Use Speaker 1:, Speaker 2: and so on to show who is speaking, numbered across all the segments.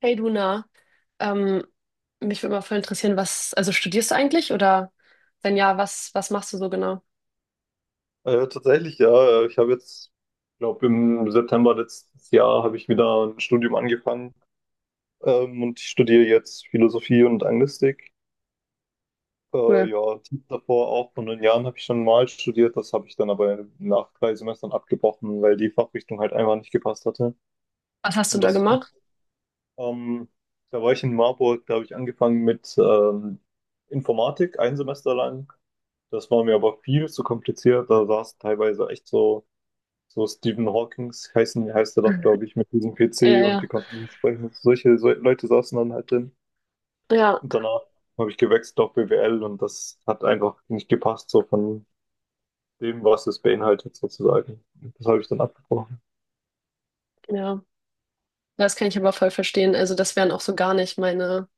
Speaker 1: Hey Luna, ähm, mich würde mal voll interessieren, was, also studierst du eigentlich oder wenn ja, was, machst du so genau?
Speaker 2: Tatsächlich, ja. Ich habe jetzt, glaube im September letztes Jahr habe ich wieder ein Studium angefangen, und ich studiere jetzt Philosophie und Anglistik. Äh,
Speaker 1: Cool.
Speaker 2: ja, davor auch vor 9 Jahren habe ich schon mal studiert, das habe ich dann aber nach 3 Semestern abgebrochen, weil die Fachrichtung halt einfach nicht gepasst hatte.
Speaker 1: Was hast du
Speaker 2: Und
Speaker 1: da
Speaker 2: das,
Speaker 1: gemacht?
Speaker 2: ähm, da war ich in Marburg, da habe ich angefangen mit Informatik, ein Semester lang. Das war mir aber viel zu kompliziert. Da saß teilweise echt so. So Stephen Hawkings heißen, heißt er doch, glaube ich, mit diesem
Speaker 1: Ja,
Speaker 2: PC und die
Speaker 1: ja,
Speaker 2: konnten nicht sprechen. Solche Leute saßen dann halt drin.
Speaker 1: ja,
Speaker 2: Und danach habe ich gewechselt auf BWL und das hat einfach nicht gepasst, so von dem, was es beinhaltet, sozusagen. Das habe ich dann abgebrochen.
Speaker 1: ja. Das kann ich aber voll verstehen. Also das wären auch so gar nicht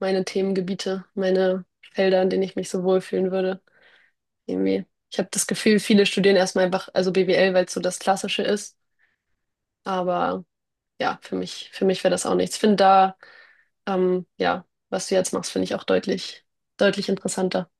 Speaker 1: meine Themengebiete, meine Felder, in denen ich mich so wohlfühlen würde. Irgendwie. Ich habe das Gefühl, viele studieren erstmal einfach, also BWL, weil es so das Klassische ist. Aber ja, für mich wäre das auch nichts. Ich finde da, ja, was du jetzt machst, finde ich auch deutlich interessanter.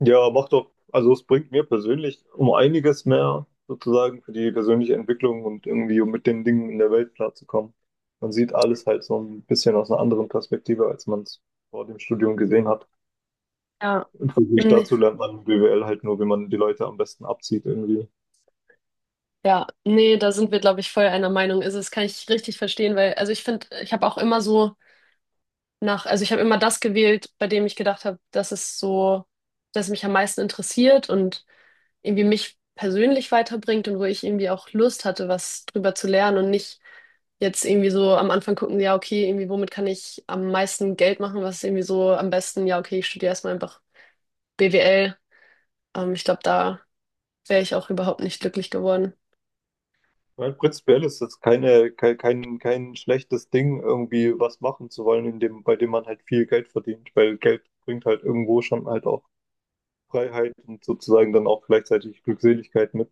Speaker 2: Ja, macht doch, also es bringt mir persönlich um einiges mehr, sozusagen, für die persönliche Entwicklung und irgendwie, um mit den Dingen in der Welt klarzukommen. Man sieht alles halt so ein bisschen aus einer anderen Perspektive, als man es vor dem Studium gesehen hat.
Speaker 1: Ja,
Speaker 2: Im Vergleich
Speaker 1: nee,
Speaker 2: dazu lernt man BWL halt nur, wie man die Leute am besten abzieht irgendwie.
Speaker 1: ja, nee, da sind wir, glaube ich, voll einer Meinung. Also, das kann ich richtig verstehen, weil, also ich finde, ich habe auch immer so also ich habe immer das gewählt, bei dem ich gedacht habe, dass es mich am meisten interessiert und irgendwie mich persönlich weiterbringt und wo ich irgendwie auch Lust hatte, was drüber zu lernen und nicht jetzt irgendwie so am Anfang gucken, ja, okay, irgendwie, womit kann ich am meisten Geld machen, was ist irgendwie so am besten, ja, okay, ich studiere erstmal einfach BWL. Ich glaube, da wäre ich auch überhaupt nicht glücklich geworden.
Speaker 2: Weil prinzipiell ist das keine, kein, kein, kein schlechtes Ding, irgendwie was machen zu wollen, in dem, bei dem man halt viel Geld verdient, weil Geld bringt halt irgendwo schon halt auch Freiheit und sozusagen dann auch gleichzeitig Glückseligkeit mit.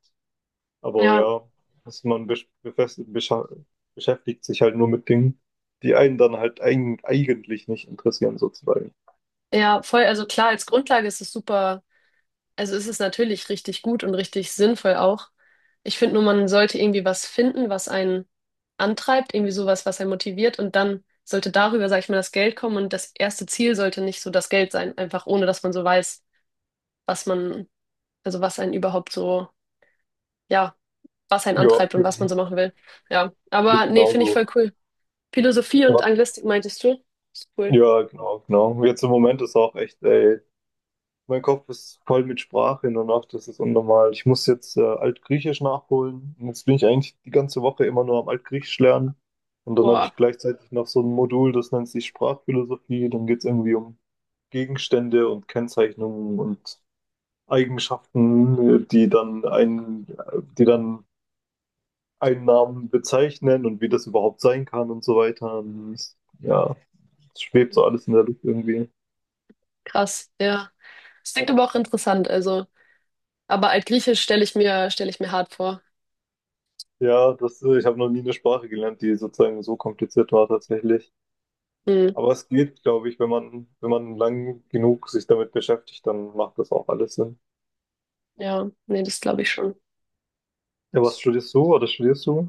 Speaker 2: Aber
Speaker 1: Ja.
Speaker 2: ja, dass man beschäftigt sich halt nur mit Dingen, die einen dann halt eigentlich nicht interessieren, sozusagen.
Speaker 1: Ja, voll, also klar, als Grundlage ist es super, also ist es natürlich richtig gut und richtig sinnvoll auch. Ich finde nur, man sollte irgendwie was finden, was einen antreibt, irgendwie sowas, was einen motiviert und dann sollte darüber, sag ich mal, das Geld kommen und das erste Ziel sollte nicht so das Geld sein, einfach ohne, dass man so weiß, was man, also was einen überhaupt so, ja, was einen
Speaker 2: Ja,
Speaker 1: antreibt und was man so machen will. Ja, aber
Speaker 2: nicht
Speaker 1: nee, finde ich
Speaker 2: genauso.
Speaker 1: voll cool. Philosophie und
Speaker 2: Was
Speaker 1: Anglistik meintest du? Ist cool.
Speaker 2: Ja, genau, genau. Jetzt im Moment ist auch echt, ey, mein Kopf ist voll mit Sprache hin und nach, das ist unnormal. Ich muss jetzt Altgriechisch nachholen. Und jetzt bin ich eigentlich die ganze Woche immer nur am Altgriechisch lernen. Und dann habe
Speaker 1: Boah,
Speaker 2: ich gleichzeitig noch so ein Modul, das nennt sich Sprachphilosophie. Dann geht es irgendwie um Gegenstände und Kennzeichnungen und Eigenschaften, die dann einen Namen bezeichnen und wie das überhaupt sein kann und so weiter. Und ja, es schwebt so alles in der Luft irgendwie.
Speaker 1: krass, ja. Das klingt aber auch interessant, also. Aber Altgriechisch stelle ich mir hart vor.
Speaker 2: Ja, das, ich habe noch nie eine Sprache gelernt, die sozusagen so kompliziert war tatsächlich.
Speaker 1: Hm,
Speaker 2: Aber es geht, glaube ich, wenn man, lang genug sich damit beschäftigt, dann macht das auch alles Sinn.
Speaker 1: ja, nee, das glaube ich schon.
Speaker 2: Ja, was studierst du oder studierst du?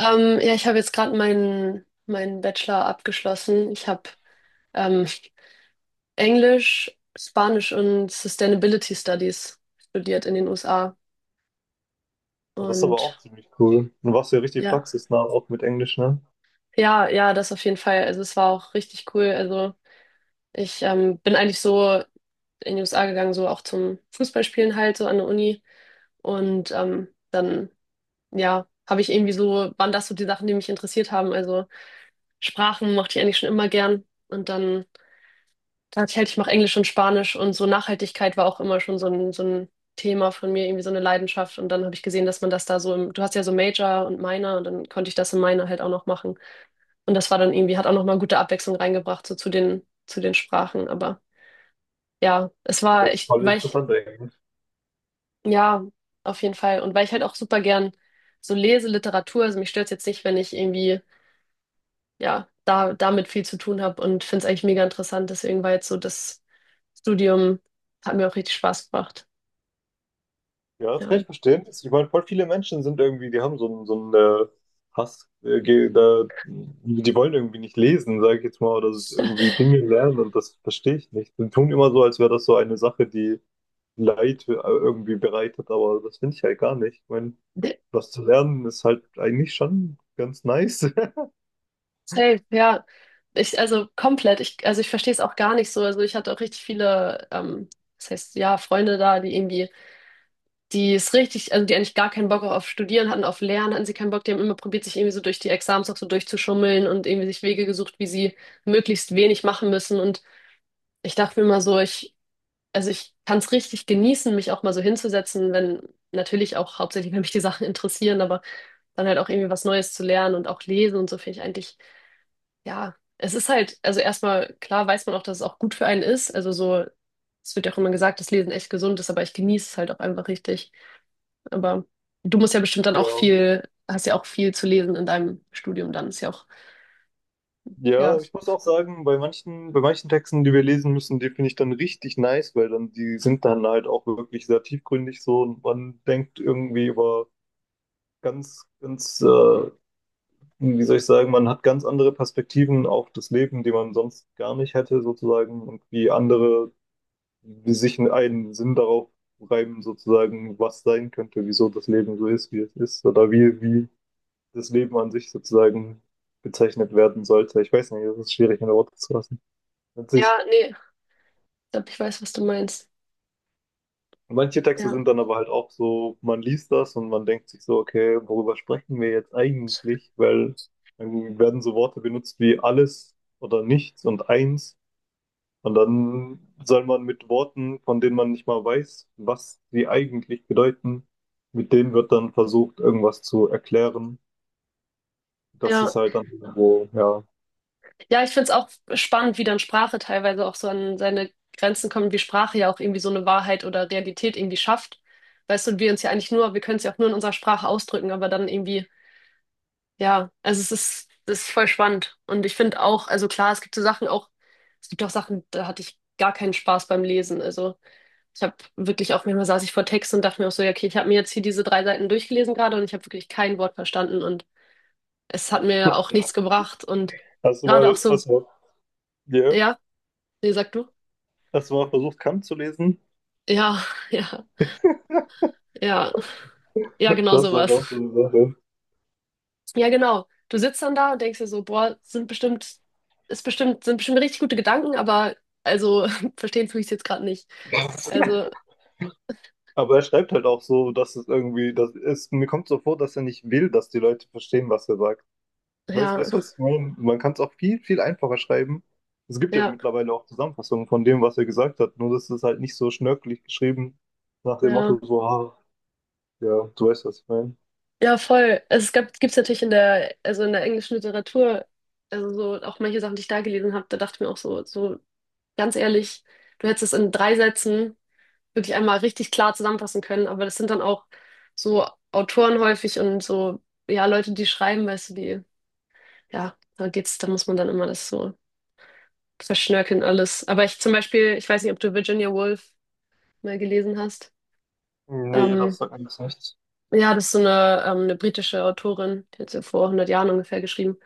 Speaker 1: Ja, ich habe jetzt gerade meinen Bachelor abgeschlossen. Ich habe ähm, Englisch, Spanisch und Sustainability Studies studiert in den USA.
Speaker 2: Und das ist aber auch
Speaker 1: Und
Speaker 2: ziemlich cool. Und warst ja richtig
Speaker 1: ja,
Speaker 2: praxisnah, auch mit Englisch, ne?
Speaker 1: ja, ja, das auf jeden Fall. Also es war auch richtig cool. Also ich bin eigentlich so in die USA gegangen, so auch zum Fußballspielen halt, so an der Uni. Und dann, ja, habe ich irgendwie so, waren das so die Sachen, die mich interessiert haben. Also Sprachen mochte ich eigentlich schon immer gern. Und dann dachte ich halt, ich mache Englisch und Spanisch und so Nachhaltigkeit war auch immer schon so so ein Thema von mir, irgendwie so eine Leidenschaft. Und dann habe ich gesehen, dass man das da so im, du hast ja so Major und Minor und dann konnte ich das im Minor halt auch noch machen. Und das war dann irgendwie, hat auch nochmal gute Abwechslung reingebracht, so zu zu den Sprachen. Aber ja, es
Speaker 2: Und
Speaker 1: war,
Speaker 2: das ist
Speaker 1: ich,
Speaker 2: voll
Speaker 1: weil ich,
Speaker 2: interessant eigentlich.
Speaker 1: ja, auf jeden Fall. Und weil ich halt auch super gern so lese, Literatur, also mich stört es jetzt nicht, wenn ich irgendwie ja, da, damit viel zu tun habe und finde es eigentlich mega interessant. Deswegen war jetzt so das Studium, hat mir auch richtig Spaß gemacht.
Speaker 2: Ja, das
Speaker 1: Ja.
Speaker 2: kann ich verstehen. Ich meine, voll viele Menschen sind irgendwie, die haben so einen, Hass, da, die wollen irgendwie nicht lesen, sage ich jetzt mal, oder irgendwie Dinge lernen und das verstehe ich nicht. Die tun immer so, als wäre das so eine Sache, die Leid irgendwie bereitet, aber das finde ich halt gar nicht. Ich meine,
Speaker 1: De-
Speaker 2: was zu lernen ist halt eigentlich schon ganz nice.
Speaker 1: Safe, ja. Ich, also komplett, ich, also ich verstehe es auch gar nicht so. Also ich hatte auch richtig viele, das heißt, ja, Freunde da, die irgendwie, die es richtig, also die eigentlich gar keinen Bock auf Studieren hatten, auf Lernen hatten sie keinen Bock, die haben immer probiert, sich irgendwie so durch die Exams auch so durchzuschummeln und irgendwie sich Wege gesucht, wie sie möglichst wenig machen müssen. Und ich dachte mir immer so, ich Also ich kann es richtig genießen, mich auch mal so hinzusetzen, wenn natürlich auch hauptsächlich, wenn mich die Sachen interessieren, aber dann halt auch irgendwie was Neues zu lernen und auch lesen und so finde ich eigentlich, ja, es ist halt, also erstmal klar weiß man auch, dass es auch gut für einen ist. Also so, es wird ja auch immer gesagt, dass Lesen echt gesund ist, aber ich genieße es halt auch einfach richtig. Aber du musst ja bestimmt dann auch
Speaker 2: Ja.
Speaker 1: viel, hast ja auch viel zu lesen in deinem Studium, dann ist ja auch, ja.
Speaker 2: Ja, ich muss auch sagen, bei manchen, Texten, die wir lesen müssen, die finde ich dann richtig nice, weil dann die sind dann halt auch wirklich sehr tiefgründig so und man denkt irgendwie über ganz, ganz, wie soll ich sagen, man hat ganz andere Perspektiven auf das Leben, die man sonst gar nicht hätte sozusagen und wie andere wie sich einen Sinn darauf reimen, sozusagen, was sein könnte, wieso das Leben so ist, wie es ist, oder wie, das Leben an sich sozusagen bezeichnet werden sollte. Ich weiß nicht, das ist schwierig in Worte zu fassen. An
Speaker 1: Ja,
Speaker 2: sich,
Speaker 1: nee, ich glaube, ich weiß, was du meinst.
Speaker 2: manche Texte
Speaker 1: Ja.
Speaker 2: sind dann aber halt auch so, man liest das und man denkt sich so, okay, worüber sprechen wir jetzt eigentlich? Weil dann werden so Worte benutzt wie alles oder nichts und eins. Und dann soll man mit Worten, von denen man nicht mal weiß, was sie eigentlich bedeuten, mit denen wird dann versucht, irgendwas zu erklären. Das ist
Speaker 1: Ja.
Speaker 2: halt dann irgendwo, ja.
Speaker 1: Ja, ich find's auch spannend, wie dann Sprache teilweise auch so an seine Grenzen kommt, wie Sprache ja auch irgendwie so eine Wahrheit oder Realität irgendwie schafft. Weißt du, und wir uns ja eigentlich nur, wir können es ja auch nur in unserer Sprache ausdrücken, aber dann irgendwie, ja, also es ist voll spannend. Und ich finde auch, also klar, es gibt so Sachen auch, es gibt auch Sachen, da hatte ich gar keinen Spaß beim Lesen. Also ich habe wirklich auch manchmal saß ich vor Text und dachte mir auch so, ja, okay, ich habe mir jetzt hier diese drei Seiten durchgelesen gerade und ich habe wirklich kein Wort verstanden und es hat mir auch nichts gebracht. Und gerade auch
Speaker 2: Erstmal,
Speaker 1: so,
Speaker 2: erstmal, yeah.
Speaker 1: ja, nee, sag du.
Speaker 2: Erstmal versucht, Kant zu lesen.
Speaker 1: Ja, ja, ja. Ja, genau
Speaker 2: Das ist halt auch so
Speaker 1: sowas.
Speaker 2: eine Sache.
Speaker 1: Ja, genau. Du sitzt dann da und denkst dir so, boah, sind bestimmt richtig gute Gedanken, aber also verstehen tue ich es jetzt gerade nicht. Also,
Speaker 2: Aber er schreibt halt auch so, dass es irgendwie, das ist, mir kommt so vor, dass er nicht will, dass die Leute verstehen, was er sagt. Weißt
Speaker 1: ja,
Speaker 2: weißt du, was ich meine? Man kann es auch viel, viel einfacher schreiben. Es gibt ja
Speaker 1: ja,
Speaker 2: mittlerweile auch Zusammenfassungen von dem, was er gesagt hat, nur das ist halt nicht so schnörkelig geschrieben, nach dem
Speaker 1: ja.
Speaker 2: Motto so, ah, ja, du weißt, was ich meine.
Speaker 1: Ja, voll. Also, gibt's natürlich in der, also in der englischen Literatur, also so auch manche Sachen, die ich da gelesen habe, da dachte ich mir auch so, so ganz ehrlich, du hättest es in drei Sätzen wirklich einmal richtig klar zusammenfassen können. Aber das sind dann auch so Autoren häufig und so, ja, Leute, die schreiben, weißt du, die, ja, da geht's, da muss man dann immer das so verschnörkeln alles. Aber ich zum Beispiel, ich weiß nicht, ob du Virginia Woolf mal gelesen hast.
Speaker 2: Nee, das
Speaker 1: Ähm,
Speaker 2: sagt mir jetzt nichts.
Speaker 1: ja, das ist so eine britische Autorin, die hat so vor 100 Jahren ungefähr geschrieben.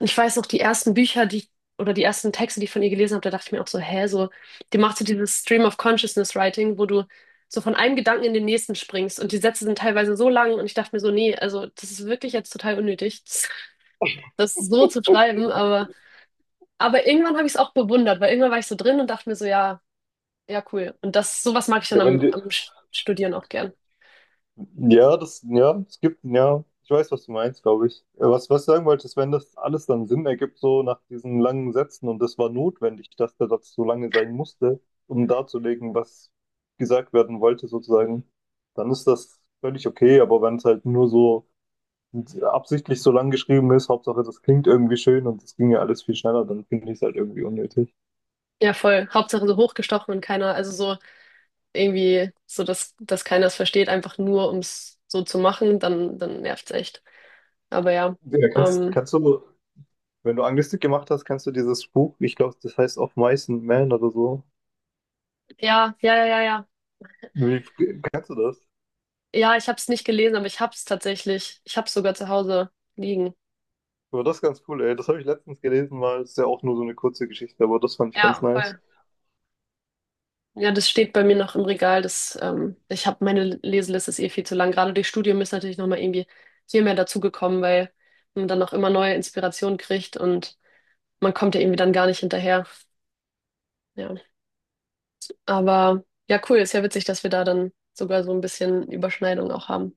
Speaker 1: Ich weiß noch, die ersten Bücher, die ich, oder die ersten Texte, die ich von ihr gelesen habe, da dachte ich mir auch so, hä, so, die macht so dieses Stream of Consciousness Writing, wo du so von einem Gedanken in den nächsten springst und die Sätze sind teilweise so lang und ich dachte mir so, nee, also das ist wirklich jetzt total unnötig, das so zu schreiben, aber irgendwann habe ich es auch bewundert, weil irgendwann war ich so drin und dachte mir so, ja, ja, cool. Und das, sowas mag ich dann
Speaker 2: Ja, wenn dir,
Speaker 1: am Studieren auch gern.
Speaker 2: Ja, das, ja, es gibt, ja, ich weiß, was du meinst, glaube ich. Was, was ich sagen wollte, ist, wenn das alles dann Sinn ergibt, so nach diesen langen Sätzen, und das war notwendig, dass der Satz so lange sein musste, um darzulegen, was gesagt werden wollte, sozusagen, dann ist das völlig okay, aber wenn es halt nur so absichtlich so lang geschrieben ist, Hauptsache, das klingt irgendwie schön und es ging ja alles viel schneller, dann finde ich es halt irgendwie unnötig.
Speaker 1: Ja, voll. Hauptsache so hochgestochen und keiner, also so. Irgendwie so, dass keiner es versteht, einfach nur um es so zu machen, dann nervt's echt. Aber ja.
Speaker 2: Ja, kannst,
Speaker 1: Ähm,
Speaker 2: kannst du, Wenn du Anglistik gemacht hast, kannst du dieses Buch, ich glaube, das heißt Of Mice and Men oder so.
Speaker 1: ja, ja, ja, ja, ja.
Speaker 2: Wie, Kennst du das?
Speaker 1: Ja, ich habe es nicht gelesen, aber ich hab's tatsächlich. Ich hab's sogar zu Hause liegen.
Speaker 2: Aber das ist ganz cool, ey. Das habe ich letztens gelesen mal. Das ist ja auch nur so eine kurze Geschichte, aber das fand ich ganz
Speaker 1: Ja,
Speaker 2: nice.
Speaker 1: voll. Ja, das steht bei mir noch im Regal. Das, ich habe meine Leseliste ist eh viel zu lang. Gerade durch Studium ist natürlich nochmal irgendwie viel mehr dazugekommen, weil man dann auch immer neue Inspirationen kriegt und man kommt ja irgendwie dann gar nicht hinterher. Ja. Aber ja, cool, ist ja witzig, dass wir da dann sogar so ein bisschen Überschneidung auch haben.